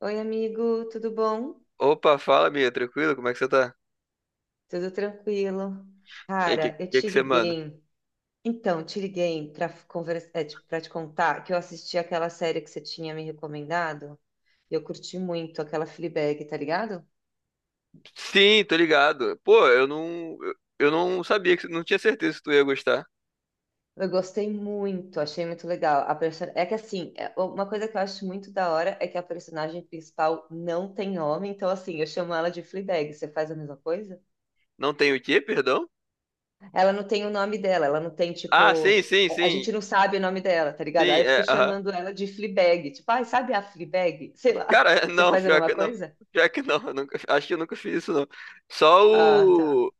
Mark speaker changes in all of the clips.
Speaker 1: Oi, amigo, tudo bom?
Speaker 2: Opa, fala, Bia, tranquilo? Como é que você tá?
Speaker 1: Tudo tranquilo?
Speaker 2: E aí, que,
Speaker 1: Cara, eu
Speaker 2: que
Speaker 1: te
Speaker 2: que você manda?
Speaker 1: liguei. Então, te liguei para conversar, para te contar que eu assisti aquela série que você tinha me recomendado e eu curti muito aquela Fleabag, tá ligado?
Speaker 2: Sim, tô ligado. Pô, eu não sabia que não tinha certeza se tu ia gostar.
Speaker 1: Eu gostei muito, achei muito legal. É que assim, uma coisa que eu acho muito da hora é que a personagem principal não tem homem, então assim, eu chamo ela de Fleabag. Você faz a mesma coisa?
Speaker 2: Não tem o quê, perdão?
Speaker 1: Ela não tem o nome dela, ela não tem,
Speaker 2: Ah,
Speaker 1: tipo.
Speaker 2: sim, sim,
Speaker 1: A
Speaker 2: sim.
Speaker 1: gente não sabe o nome dela, tá ligado?
Speaker 2: Sim,
Speaker 1: Aí eu fico
Speaker 2: é, aham.
Speaker 1: chamando ela de Fleabag. Tipo, ai, sabe a Fleabag? Sei lá.
Speaker 2: Cara,
Speaker 1: Você
Speaker 2: não,
Speaker 1: faz a
Speaker 2: pior
Speaker 1: mesma
Speaker 2: que não.
Speaker 1: coisa?
Speaker 2: Pior que não, eu nunca, acho que eu nunca fiz isso não. Só
Speaker 1: Ah, tá.
Speaker 2: o.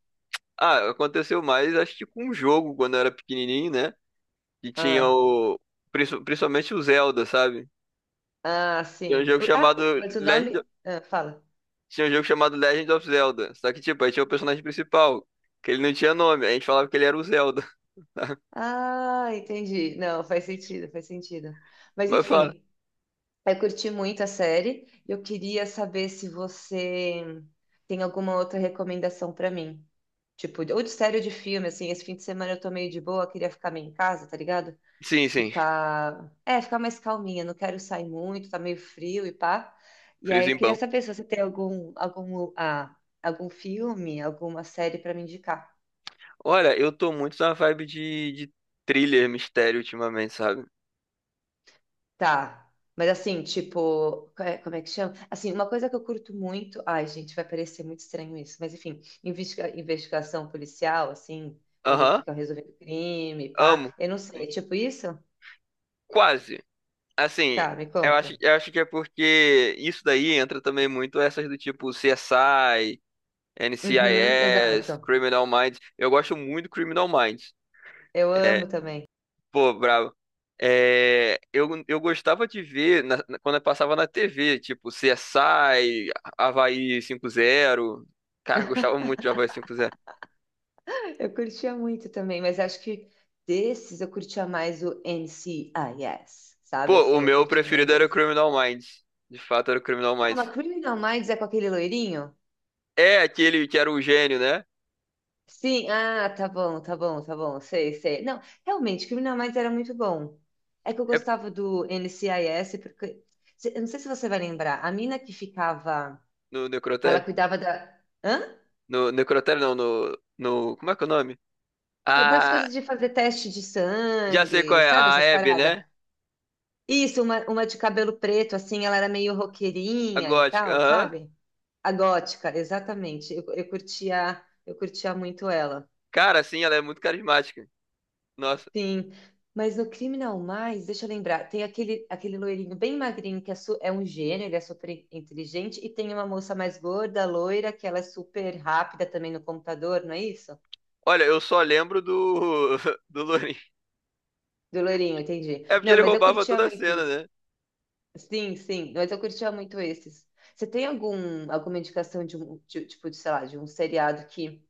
Speaker 2: Ah, aconteceu mais acho que com um jogo quando eu era pequenininho, né? E tinha
Speaker 1: Ah,
Speaker 2: o principalmente o Zelda, sabe?
Speaker 1: ah,
Speaker 2: Tem um
Speaker 1: sim.
Speaker 2: jogo
Speaker 1: Ah,
Speaker 2: chamado
Speaker 1: mas o
Speaker 2: Legend
Speaker 1: nome. Ah, fala.
Speaker 2: Tinha um jogo chamado Legend of Zelda. Só que, tipo, aí tinha o personagem principal, que ele não tinha nome. A gente falava que ele era o Zelda. Tá?
Speaker 1: Ah, entendi. Não, faz sentido, faz sentido. Mas
Speaker 2: Mas fala.
Speaker 1: enfim. Eu curti muito a série. Eu queria saber se você tem alguma outra recomendação pra mim. Tipo, ou de série ou de filme, assim, esse fim de semana eu tô meio de boa, queria ficar meio em casa, tá ligado?
Speaker 2: Sim, sim.
Speaker 1: Ficar, é, ficar mais calminha, não quero sair muito, tá meio frio e pá. E aí,
Speaker 2: Friso
Speaker 1: eu queria
Speaker 2: bom.
Speaker 1: saber se você tem algum, algum, algum filme, alguma série pra me indicar.
Speaker 2: Olha, eu tô muito na vibe de thriller, mistério ultimamente, sabe?
Speaker 1: Tá. Mas assim, tipo, como é que chama? Assim, uma coisa que eu curto muito. Ai, gente, vai parecer muito estranho isso, mas enfim, investigação policial, assim, quando
Speaker 2: Aham,
Speaker 1: fica resolvendo crime,
Speaker 2: amo.
Speaker 1: pá. Eu não sei, é tipo isso?
Speaker 2: Quase. Assim,
Speaker 1: Tá, me
Speaker 2: eu
Speaker 1: conta.
Speaker 2: acho, eu acho que é porque isso daí entra também muito essas do tipo CSI,
Speaker 1: Uhum,
Speaker 2: NCIS,
Speaker 1: exato.
Speaker 2: Criminal Minds. Eu gosto muito do Criminal Minds.
Speaker 1: Eu
Speaker 2: É.
Speaker 1: amo também.
Speaker 2: Pô, brabo. É, eu gostava de ver quando eu passava na TV, tipo C S CSI, Havaí 5-0. Cara, eu gostava muito de Havaí 5-0.
Speaker 1: Eu curtia muito também, mas acho que desses eu curtia mais o NCIS, sabe?
Speaker 2: Pô, o
Speaker 1: Assim, eu
Speaker 2: meu
Speaker 1: curtia mais
Speaker 2: preferido era o
Speaker 1: esse.
Speaker 2: Criminal Minds. De fato, era o Criminal Minds.
Speaker 1: Calma, Criminal Minds é com aquele loirinho?
Speaker 2: É aquele que era o gênio, né?
Speaker 1: Sim, ah, tá bom, tá bom, tá bom, sei, sei. Não, realmente, Criminal Minds era muito bom. É que eu
Speaker 2: É
Speaker 1: gostava do NCIS, porque. Eu não sei se você vai lembrar, a mina que ficava.
Speaker 2: no
Speaker 1: Ela
Speaker 2: Necrotério?
Speaker 1: cuidava da. Hã?
Speaker 2: No Necrotério, não, no. Como é que é o nome?
Speaker 1: É das
Speaker 2: Ah,
Speaker 1: coisas de fazer teste de
Speaker 2: já sei qual
Speaker 1: sangue,
Speaker 2: é,
Speaker 1: sabe essas
Speaker 2: a Abby,
Speaker 1: paradas?
Speaker 2: né?
Speaker 1: Isso, uma de cabelo preto, assim, ela era meio
Speaker 2: A
Speaker 1: roqueirinha e
Speaker 2: gótica.
Speaker 1: tal,
Speaker 2: Aham.
Speaker 1: sabe? A gótica, exatamente. Eu curtia, eu curtia muito ela.
Speaker 2: Cara, sim, ela é muito carismática. Nossa.
Speaker 1: Sim, mas no Criminal Mais, deixa eu lembrar, tem aquele, aquele loirinho bem magrinho é um gênio, ele é super inteligente, e tem uma moça mais gorda, loira, que ela é super rápida também no computador, não é isso?
Speaker 2: Olha, eu só lembro do, do Lourinho.
Speaker 1: Do loirinho, entendi.
Speaker 2: É porque
Speaker 1: Não,
Speaker 2: ele
Speaker 1: mas eu
Speaker 2: roubava
Speaker 1: curtia
Speaker 2: toda a
Speaker 1: muito
Speaker 2: cena,
Speaker 1: isso.
Speaker 2: né?
Speaker 1: Sim, sim, mas eu curtia muito esses. Você tem algum, alguma indicação de um, tipo, de, sei lá, de um seriado que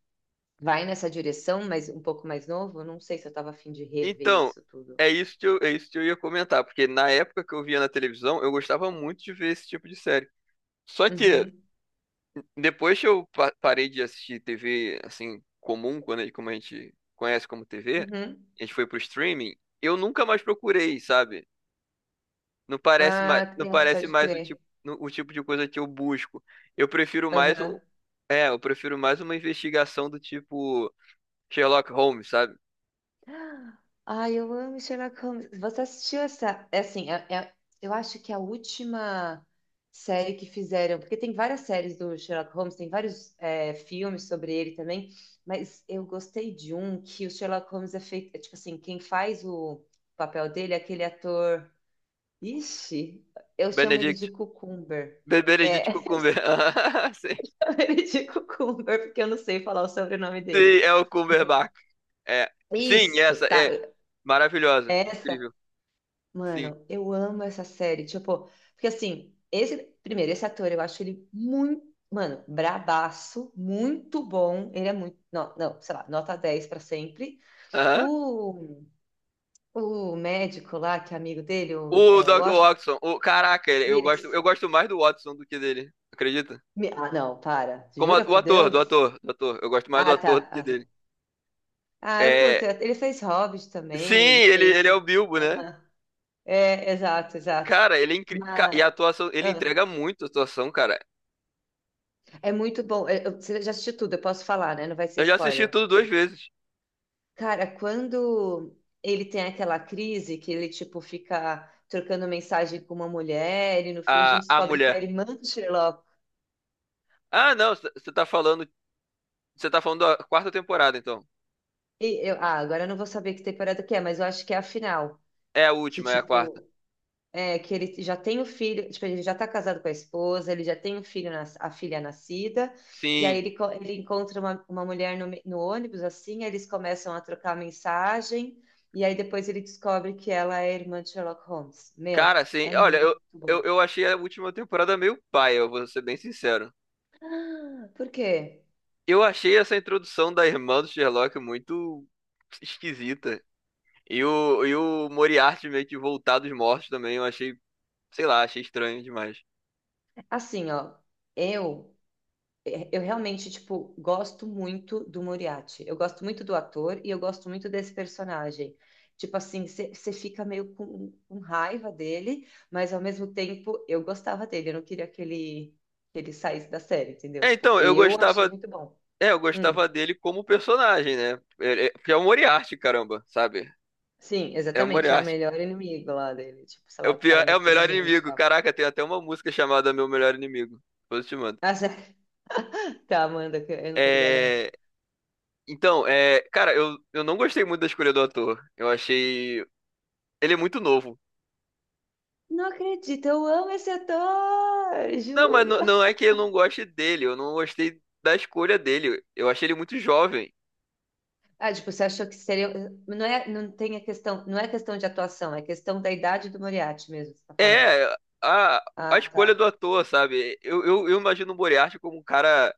Speaker 1: vai nessa direção, mas um pouco mais novo? Eu não sei se eu tava afim de rever
Speaker 2: Então,
Speaker 1: isso tudo.
Speaker 2: é isso que eu ia comentar, porque na época que eu via na televisão, eu gostava muito de ver esse tipo de série. Só que
Speaker 1: Uhum,
Speaker 2: depois que eu parei de assistir TV assim comum, quando como a gente conhece como TV,
Speaker 1: uhum.
Speaker 2: a gente foi pro streaming, eu nunca mais procurei, sabe? Não parece mais,
Speaker 1: Ah,
Speaker 2: não parece
Speaker 1: pode
Speaker 2: mais o tipo,
Speaker 1: crer.
Speaker 2: o tipo de coisa que eu busco. Eu prefiro mais um,
Speaker 1: Aham.
Speaker 2: eu prefiro mais uma investigação do tipo Sherlock Holmes, sabe?
Speaker 1: Ai, eu amo Sherlock Holmes. Você assistiu essa? É assim, eu acho que é a última série que fizeram, porque tem várias séries do Sherlock Holmes, tem vários é, filmes sobre ele também, mas eu gostei de um que o Sherlock Holmes é feito, é tipo assim, quem faz o papel dele é aquele ator. Ixi, eu chamo ele de
Speaker 2: Benedict
Speaker 1: Cucumber. É,
Speaker 2: Beberedito
Speaker 1: eu
Speaker 2: Cucumber.
Speaker 1: chamo
Speaker 2: Sim.
Speaker 1: ele de Cucumber, porque eu não sei falar o sobrenome
Speaker 2: Sim,
Speaker 1: dele.
Speaker 2: é o
Speaker 1: Mas-
Speaker 2: Cumberbatch. É. Sim,
Speaker 1: Isso,
Speaker 2: essa
Speaker 1: tá.
Speaker 2: é maravilhosa.
Speaker 1: Essa
Speaker 2: Incrível. Sim.
Speaker 1: mano, eu amo essa série. Tipo, porque assim, esse, primeiro, esse ator, eu acho ele muito, mano, bradaço, muito bom. Ele é muito, não, não, sei lá, nota 10 pra sempre.
Speaker 2: Aham.
Speaker 1: O, o médico lá, que é amigo dele, o,
Speaker 2: O
Speaker 1: é, o
Speaker 2: Dr.
Speaker 1: Washington,
Speaker 2: Watson. O, caraca, eu gosto, eu
Speaker 1: isso.
Speaker 2: gosto mais do Watson do que dele. Acredita?
Speaker 1: Ah, não, para.
Speaker 2: Como
Speaker 1: Jura
Speaker 2: o
Speaker 1: por
Speaker 2: ator, do
Speaker 1: Deus?
Speaker 2: ator, do ator. Eu gosto mais do
Speaker 1: Ah,
Speaker 2: ator do
Speaker 1: tá.
Speaker 2: que
Speaker 1: Ah, tá.
Speaker 2: dele.
Speaker 1: Ah, eu curto.
Speaker 2: É,
Speaker 1: Ele fez Hobbit
Speaker 2: sim,
Speaker 1: também, ele
Speaker 2: ele,
Speaker 1: fez
Speaker 2: ele é o
Speaker 1: o...
Speaker 2: Bilbo, né?
Speaker 1: Aham. É, exato, exato.
Speaker 2: Cara, ele é incri... ca- e a
Speaker 1: Mas...
Speaker 2: atuação, ele
Speaker 1: ah.
Speaker 2: entrega muito a atuação, cara.
Speaker 1: É muito bom. Você já assistiu tudo, eu posso falar, né? Não vai ser
Speaker 2: Eu já assisti
Speaker 1: spoiler.
Speaker 2: tudo duas vezes.
Speaker 1: Cara, quando ele tem aquela crise que ele, tipo, fica trocando mensagem com uma mulher e no fim a
Speaker 2: A,
Speaker 1: gente
Speaker 2: a
Speaker 1: descobre que é a
Speaker 2: mulher.
Speaker 1: irmã do Sherlock.
Speaker 2: Ah, não, você tá falando, da quarta temporada, então.
Speaker 1: E eu, ah, agora eu não vou saber que temporada que é, mas eu acho que é a final.
Speaker 2: É a
Speaker 1: Que,
Speaker 2: última, é a quarta.
Speaker 1: tipo, é, que ele já tem o filho, tipo, ele já tá casado com a esposa, ele já tem um filho, a filha nascida, e aí
Speaker 2: Sim.
Speaker 1: ele, ele encontra uma mulher no, no ônibus, assim, aí eles começam a trocar mensagem, e aí depois ele descobre que ela é irmã de Sherlock Holmes. Meu,
Speaker 2: Cara, sim.
Speaker 1: é
Speaker 2: Olha,
Speaker 1: muito
Speaker 2: eu, eu,
Speaker 1: bom.
Speaker 2: eu achei a última temporada meio paia, eu vou ser bem sincero.
Speaker 1: Ah, por quê?
Speaker 2: Eu achei essa introdução da irmã do Sherlock muito esquisita. E o Moriarty meio que voltar dos mortos também, eu achei, sei lá, achei estranho demais.
Speaker 1: Assim, ó, eu é, eu realmente, tipo, gosto muito do Moriarty. Eu gosto muito do ator e eu gosto muito desse personagem. Tipo assim, você fica meio com raiva dele, mas ao mesmo tempo eu gostava dele. Eu não queria que ele saísse da série, entendeu?
Speaker 2: É,
Speaker 1: Tipo,
Speaker 2: então, eu
Speaker 1: eu
Speaker 2: gostava,
Speaker 1: achei muito bom.
Speaker 2: é, eu
Speaker 1: Hum,
Speaker 2: gostava dele como personagem, né? Porque é o Moriarty, caramba, sabe?
Speaker 1: sim,
Speaker 2: É o
Speaker 1: exatamente. É o
Speaker 2: Moriarty.
Speaker 1: melhor inimigo lá dele. Tipo, sei
Speaker 2: É
Speaker 1: lá,
Speaker 2: o
Speaker 1: o cara
Speaker 2: pior,
Speaker 1: é
Speaker 2: é o
Speaker 1: muito
Speaker 2: melhor
Speaker 1: inteligente e
Speaker 2: inimigo.
Speaker 1: tal.
Speaker 2: Caraca, tem até uma música chamada Meu Melhor Inimigo. Depois eu te mando.
Speaker 1: Ah, sério? Tá, Amanda, que eu não tô ligada, não.
Speaker 2: É, então, cara, eu não gostei muito da escolha do ator. Eu achei. Ele é muito novo.
Speaker 1: Não acredito, eu amo esse ator,
Speaker 2: Não, mas
Speaker 1: juro.
Speaker 2: não, não é que eu não goste dele, eu não gostei da escolha dele. Eu achei ele muito jovem.
Speaker 1: Ah, tipo, você achou que seria. Não é, não tem a questão, não é questão de atuação, é questão da idade do Moriarty mesmo, que você tá falando.
Speaker 2: É, a, a
Speaker 1: Ah, tá.
Speaker 2: escolha do ator, sabe? Eu imagino o Moriarty como um cara.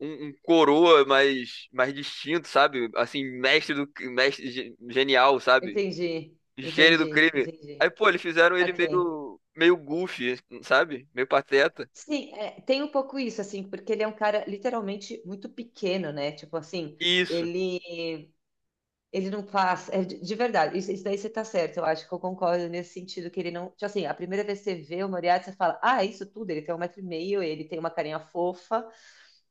Speaker 2: Um coroa mais, distinto, sabe? Assim, Mestre genial, sabe?
Speaker 1: Entendi,
Speaker 2: Gênio do
Speaker 1: entendi,
Speaker 2: crime.
Speaker 1: entendi.
Speaker 2: Aí, pô, eles fizeram ele
Speaker 1: Saquei.
Speaker 2: meio goofy, sabe? Meio pateta.
Speaker 1: Sim, é, tem um pouco isso, assim, porque ele é um cara literalmente muito pequeno, né? Tipo assim,
Speaker 2: Isso.
Speaker 1: ele. Ele não faz. É, de verdade, isso daí você tá certo, eu acho que eu concordo nesse sentido, que ele não. Tipo assim, a primeira vez que você vê o Moriarty, você fala, ah, é isso tudo, ele tem 1,5 metro, ele tem uma carinha fofa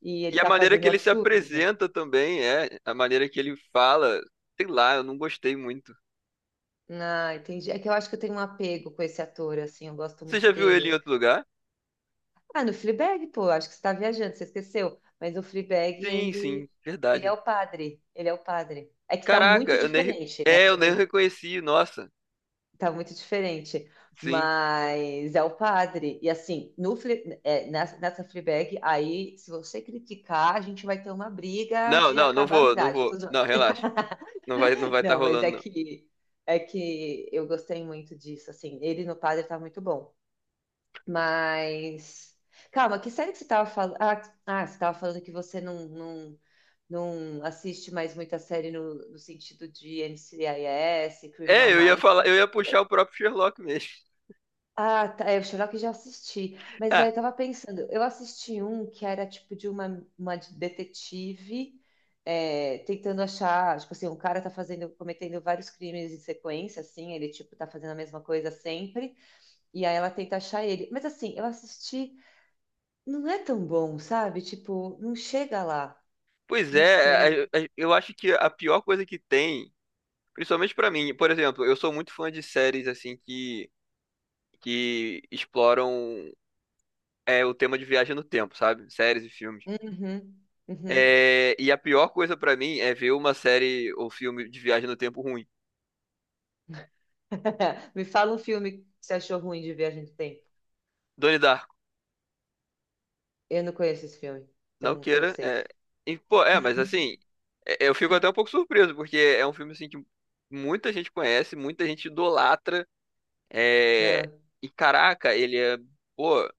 Speaker 1: e
Speaker 2: E
Speaker 1: ele
Speaker 2: a
Speaker 1: tá
Speaker 2: maneira que
Speaker 1: fazendo
Speaker 2: ele se
Speaker 1: absurdos, né?
Speaker 2: apresenta também é, a maneira que ele fala, sei lá, eu não gostei muito.
Speaker 1: Ah, entendi. É que eu acho que eu tenho um apego com esse ator, assim, eu gosto
Speaker 2: Você
Speaker 1: muito
Speaker 2: já viu ele em
Speaker 1: dele.
Speaker 2: outro lugar?
Speaker 1: Ah, no Fleabag, pô, acho que você tá viajando, você esqueceu. Mas o Fleabag,
Speaker 2: Sim,
Speaker 1: ele,
Speaker 2: sim,
Speaker 1: ele é
Speaker 2: verdade.
Speaker 1: o padre, ele é o padre. É que tá
Speaker 2: Caraca,
Speaker 1: muito
Speaker 2: eu nem, re-
Speaker 1: diferente, né?
Speaker 2: é, eu nem
Speaker 1: Também
Speaker 2: reconheci, nossa.
Speaker 1: tá muito diferente,
Speaker 2: Sim.
Speaker 1: mas é o padre. E assim, no, nessa, nessa Fleabag, aí, se você criticar, a gente vai ter uma briga
Speaker 2: Não,
Speaker 1: de
Speaker 2: não, não
Speaker 1: acabar a
Speaker 2: vou, não
Speaker 1: amizade.
Speaker 2: vou.
Speaker 1: Tô zoando.
Speaker 2: Não, relaxa. Não vai, não vai estar
Speaker 1: Não, mas
Speaker 2: rolando não.
Speaker 1: é que eu gostei muito disso, assim, ele no padre tá muito bom. Mas. Calma, que série que você estava falando? Ah, ah, você estava falando que você não, não, não assiste mais muita série no, no sentido de NCIS,
Speaker 2: É,
Speaker 1: Criminal
Speaker 2: eu ia
Speaker 1: Minds.
Speaker 2: falar, eu ia puxar o próprio Sherlock mesmo.
Speaker 1: Ah, tá, é, o Sherlock eu já assisti. Mas,
Speaker 2: Ah,
Speaker 1: velho, eu tava pensando, eu assisti um que era tipo de uma detetive é, tentando achar, tipo assim, um cara tá fazendo, cometendo vários crimes em sequência, assim, ele tipo tá fazendo a mesma coisa sempre, e aí ela tenta achar ele. Mas assim, eu assisti. Não é tão bom, sabe? Tipo, não chega lá.
Speaker 2: pois
Speaker 1: Não sei.
Speaker 2: é, eu acho que a pior coisa que tem, principalmente pra mim, por exemplo, eu sou muito fã de séries assim que exploram o tema de viagem no tempo, sabe? Séries e filmes.
Speaker 1: Uhum, uhum.
Speaker 2: É, e a pior coisa pra mim é ver uma série ou filme de viagem no tempo ruim.
Speaker 1: Me fala um filme que você achou ruim de viagem do tempo.
Speaker 2: Donnie Darko,
Speaker 1: Eu não conheço esse filme,
Speaker 2: não
Speaker 1: então tô
Speaker 2: queira. É,
Speaker 1: safe.
Speaker 2: e, pô, mas assim, eu fico até um pouco surpreso, porque é um filme assim que muita gente conhece, muita gente idolatra. É,
Speaker 1: Ah,
Speaker 2: e caraca, ele é, pô,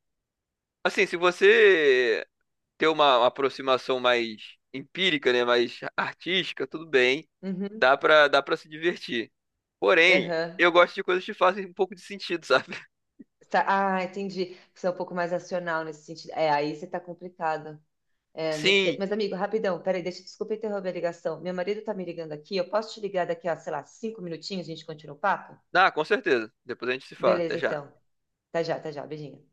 Speaker 2: assim, se você ter uma aproximação mais empírica, né, mais artística, tudo bem.
Speaker 1: uhum,
Speaker 2: Dá pra se divertir. Porém,
Speaker 1: aham.
Speaker 2: eu gosto de coisas que fazem um pouco de sentido, sabe?
Speaker 1: Tá, ah, entendi. Você é um pouco mais racional nesse sentido. É, aí você tá complicado. É, não sei.
Speaker 2: Sim.
Speaker 1: Mas, amigo, rapidão, peraí, deixa, desculpa interromper a ligação. Meu marido tá me ligando aqui. Eu posso te ligar daqui a, sei lá, 5 minutinhos, a gente continua o papo?
Speaker 2: Ah, com certeza. Depois a gente se fala.
Speaker 1: Beleza,
Speaker 2: Até já.
Speaker 1: então. Tá já, tá já. Beijinho.